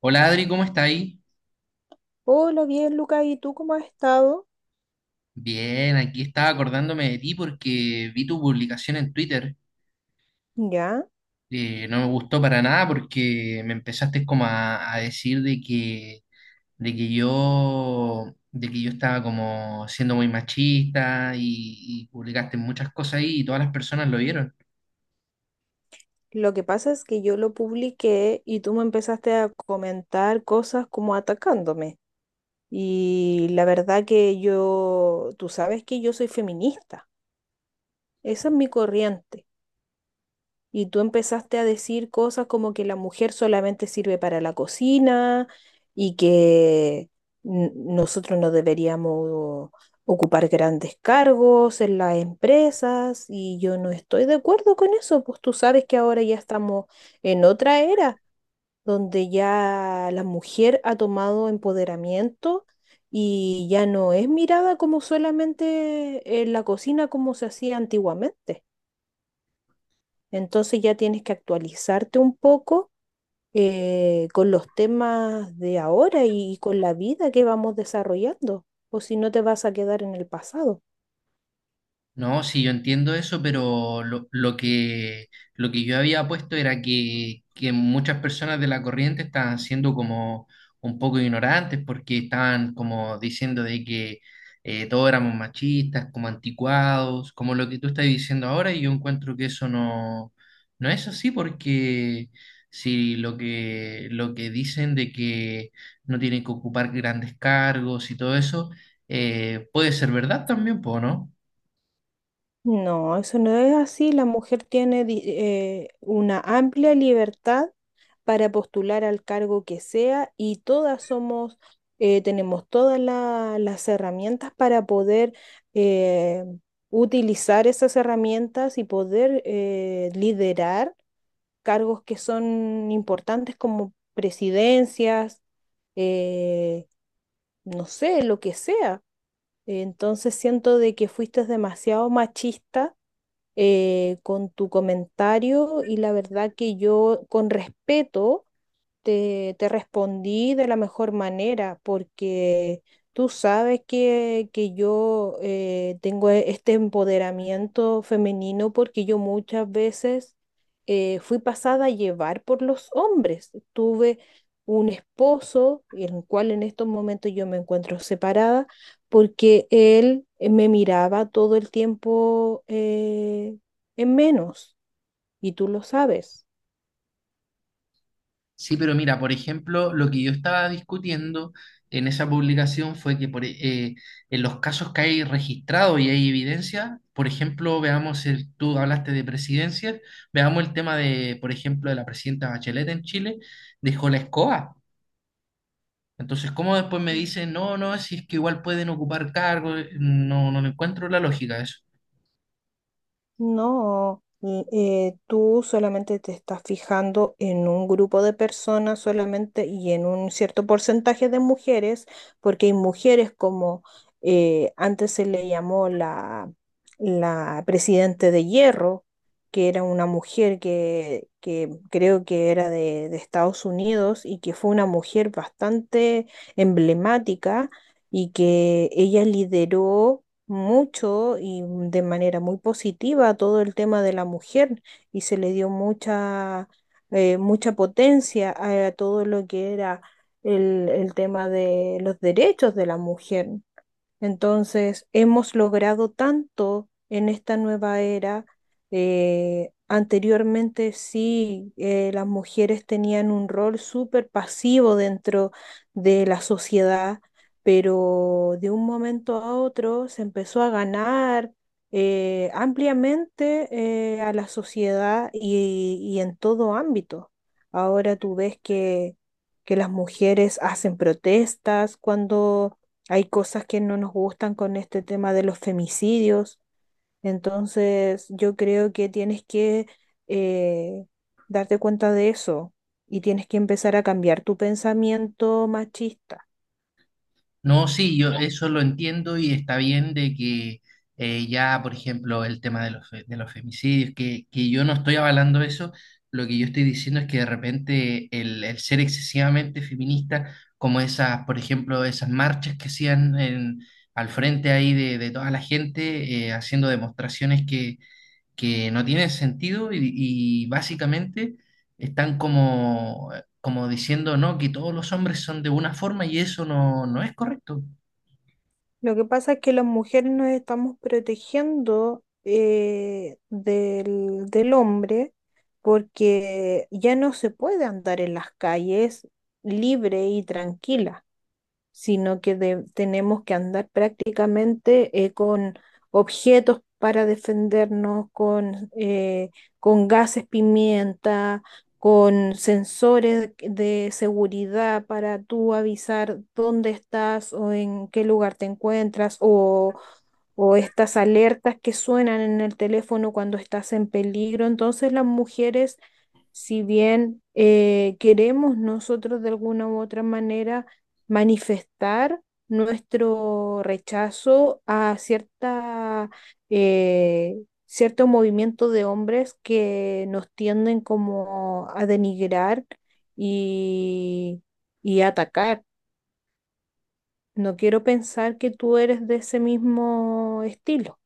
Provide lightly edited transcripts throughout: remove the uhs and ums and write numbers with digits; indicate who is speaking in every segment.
Speaker 1: Hola Adri, ¿cómo está ahí?
Speaker 2: Hola, bien, Luca, ¿y tú cómo has estado?
Speaker 1: Bien, aquí estaba acordándome de ti porque vi tu publicación en Twitter.
Speaker 2: Ya,
Speaker 1: No me gustó para nada porque me empezaste como a decir de que yo estaba como siendo muy machista y publicaste muchas cosas ahí y todas las personas lo vieron.
Speaker 2: lo que pasa es que yo lo publiqué y tú me empezaste a comentar cosas como atacándome. Y la verdad que yo, tú sabes que yo soy feminista, esa es mi corriente. Y tú empezaste a decir cosas como que la mujer solamente sirve para la cocina y que nosotros no deberíamos ocupar grandes cargos en las empresas y yo no estoy de acuerdo con eso, pues tú sabes que ahora ya estamos en otra era donde ya la mujer ha tomado empoderamiento. Y ya no es mirada como solamente en la cocina como se hacía antiguamente. Entonces ya tienes que actualizarte un poco con los temas de ahora y con la vida que vamos desarrollando, o si no te vas a quedar en el pasado.
Speaker 1: No, sí, yo entiendo eso, pero lo que yo había puesto era que muchas personas de la corriente estaban siendo como un poco ignorantes porque estaban como diciendo de que todos éramos machistas, como anticuados, como lo que tú estás diciendo ahora, y yo encuentro que eso no es así porque si lo que dicen de que no tienen que ocupar grandes cargos y todo eso, puede ser verdad también, po, ¿no?
Speaker 2: No, eso no es así. La mujer tiene una amplia libertad para postular al cargo que sea y todas somos, tenemos todas las herramientas para poder eh, utilizar esas herramientas y poder liderar cargos que son importantes como presidencias, eh, no sé, lo que sea. Entonces siento de que fuiste demasiado machista con tu comentario y la verdad que yo con respeto te respondí de la mejor manera porque tú sabes que yo tengo este empoderamiento femenino porque yo muchas veces fui pasada a llevar por los hombres. Tuve un esposo, el cual en estos momentos yo me encuentro separada, porque él me miraba todo el tiempo en menos, y tú lo sabes.
Speaker 1: Sí, pero mira, por ejemplo, lo que yo estaba discutiendo en esa publicación fue que eh, en los casos que hay registrados y hay evidencia, por ejemplo, veamos, tú hablaste de presidencias, veamos el tema de, por ejemplo, de la presidenta Bachelet en Chile, dejó la escoba. Entonces, ¿cómo después me dicen, no, no, si es que igual pueden ocupar cargos? No, no le encuentro la lógica a eso.
Speaker 2: No, l- Tú solamente te estás fijando en un grupo de personas solamente y en un cierto porcentaje de mujeres, porque hay mujeres como antes se le llamó la presidente de hierro, que era una mujer que creo que era de Estados Unidos y que fue una mujer bastante emblemática y que ella lideró mucho y de manera muy positiva todo el tema de la mujer y se le dio mucha, mucha potencia a, todo lo que era el tema de los derechos de la mujer. Entonces, hemos logrado tanto en esta nueva era. Anteriormente sí, las mujeres tenían un rol súper pasivo dentro de la sociedad, pero de un momento a otro se empezó a ganar ampliamente a la sociedad y en todo ámbito. Ahora tú ves que las mujeres hacen protestas cuando hay cosas que no nos gustan con este tema de los femicidios. Entonces, yo creo que tienes que eh, darte cuenta de eso y tienes que empezar a cambiar tu pensamiento machista.
Speaker 1: No, sí, yo eso lo entiendo y está bien de que ya, por ejemplo, el tema de de los femicidios, que yo no estoy avalando eso, lo que yo estoy diciendo es que de repente el ser excesivamente feminista, como esas, por ejemplo, esas marchas que hacían en- al frente ahí de toda la gente, haciendo demostraciones que no tiene sentido y básicamente están como diciendo, no, que todos los hombres son de una forma y eso no es correcto.
Speaker 2: Lo que pasa es que las mujeres nos estamos protegiendo del hombre porque ya no se puede andar en las calles libre y tranquila. Sino que tenemos que andar prácticamente con objetos para defendernos, con gases pimienta, con sensores de seguridad para tú avisar dónde estás o en qué lugar te encuentras o estas alertas que suenan en el teléfono cuando estás en peligro. Entonces las mujeres, si bien queremos nosotros de alguna u otra manera manifestar nuestro rechazo a cierta, eh, cierto movimiento de hombres que nos tienden como a denigrar y, y atacar. No quiero pensar que tú eres de ese mismo estilo.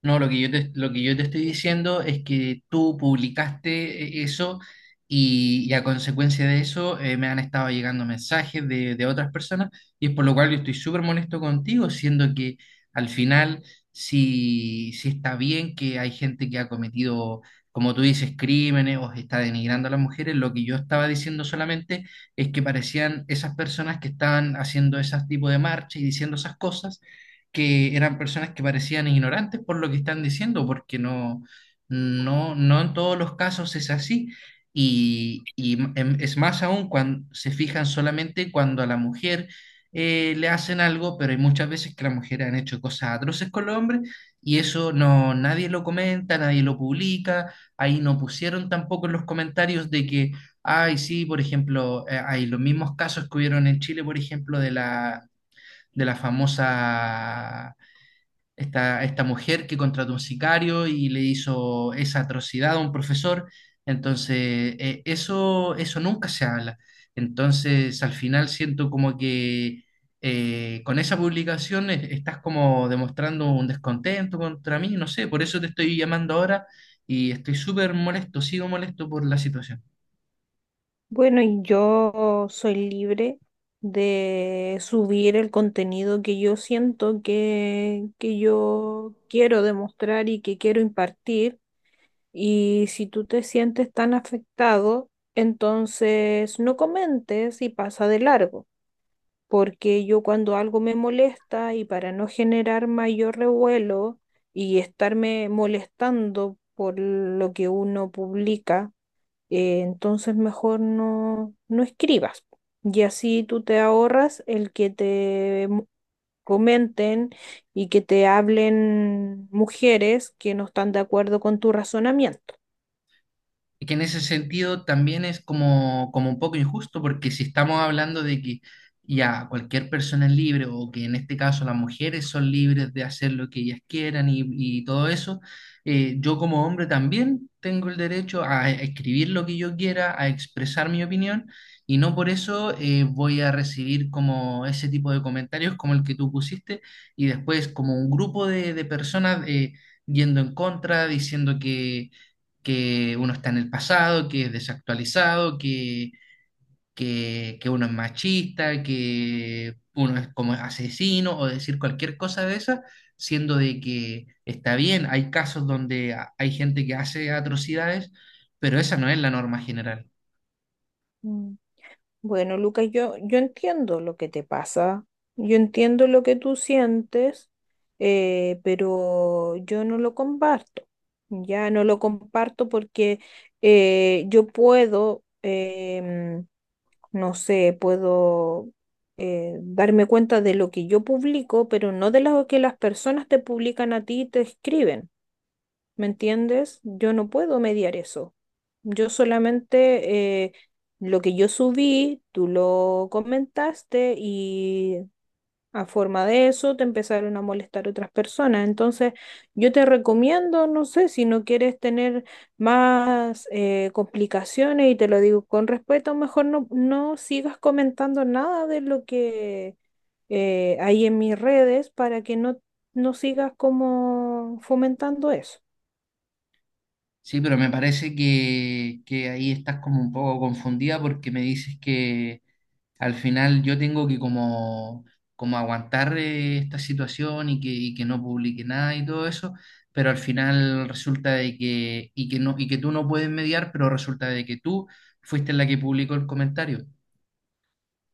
Speaker 1: No, lo que yo te estoy diciendo es que tú publicaste eso y a consecuencia de eso me han estado llegando mensajes de otras personas y es por lo cual yo estoy súper molesto contigo, siendo que al final sí, sí está bien que hay gente que ha cometido, como tú dices, crímenes o está denigrando a las mujeres. Lo que yo estaba diciendo solamente es que parecían esas personas que estaban haciendo ese tipo de marchas y diciendo esas cosas que eran personas que parecían ignorantes por lo que están diciendo, porque no en todos los casos es así. Y, es más aún cuando se fijan solamente cuando a la mujer le hacen algo, pero hay muchas veces que las mujeres han hecho cosas atroces con los hombres y eso no, nadie lo comenta, nadie lo publica. Ahí no pusieron tampoco en los comentarios de que, ay, sí, por ejemplo, hay los mismos casos que hubieron en Chile, por ejemplo, de la famosa esta mujer que contrató un sicario y le hizo esa atrocidad a un profesor. Entonces, eso nunca se habla. Entonces, al final siento como que con esa publicación estás como demostrando un descontento contra mí, no sé, por eso te estoy llamando ahora y estoy súper molesto, sigo molesto por la situación.
Speaker 2: Bueno, y yo soy libre de subir el contenido que yo siento que yo quiero demostrar y que quiero impartir. Y si tú te sientes tan afectado, entonces no comentes y pasa de largo, porque yo cuando algo me molesta y para no generar mayor revuelo y estarme molestando por lo que uno publica, entonces mejor no, no escribas. Y así tú te ahorras el que comenten y que te hablen mujeres que no están de acuerdo con tu razonamiento.
Speaker 1: Y que en ese sentido también es como un poco injusto, porque si estamos hablando de que ya cualquier persona es libre, o que en este caso las mujeres son libres de hacer lo que ellas quieran y todo eso, yo como hombre también tengo el derecho a escribir lo que yo quiera, a expresar mi opinión, y no por eso voy a recibir como ese tipo de comentarios como el que tú pusiste, y después como un grupo de personas yendo en contra, diciendo que uno está en el pasado, que es desactualizado, que uno es machista, que uno es como asesino o decir cualquier cosa de esa, siendo de que está bien, hay casos donde hay gente que hace atrocidades, pero esa no es la norma general.
Speaker 2: Mm. Bueno, Lucas, yo entiendo lo que te pasa, yo entiendo lo que tú sientes, pero yo no lo comparto. Ya no lo comparto porque yo puedo no sé, puedo darme cuenta de lo que yo publico, pero no de lo que las personas te publican a ti y te escriben. ¿Me entiendes? Yo no puedo mediar eso. Yo solamente lo que yo subí, tú lo comentaste y a forma de eso te empezaron a molestar otras personas. Entonces, yo te recomiendo, no sé, si no quieres tener más complicaciones, y te lo digo con respeto, mejor no, no sigas comentando nada de lo que hay en mis redes para que no, no sigas como fomentando eso.
Speaker 1: Sí, pero me parece que ahí estás como un poco confundida porque me dices que al final yo tengo que como aguantar esta situación y que no publique nada y todo eso, pero al final resulta de que, y que no, y que tú no puedes mediar, pero resulta de que tú fuiste la que publicó el comentario.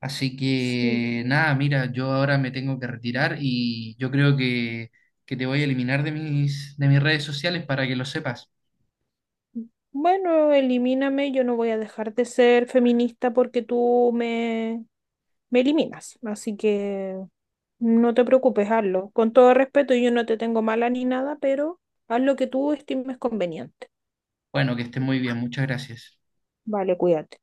Speaker 1: Así
Speaker 2: Sí.
Speaker 1: que nada, mira, yo ahora me tengo que retirar y yo creo que te voy a eliminar de mis redes sociales para que lo sepas.
Speaker 2: Bueno, elimíname, yo no voy a dejar de ser feminista porque tú me, me eliminas. Así que... No te preocupes, hazlo. Con todo respeto, yo no te tengo mala ni nada, pero haz lo que tú estimes conveniente.
Speaker 1: Bueno, que estés muy bien, muchas gracias.
Speaker 2: Vale, cuídate.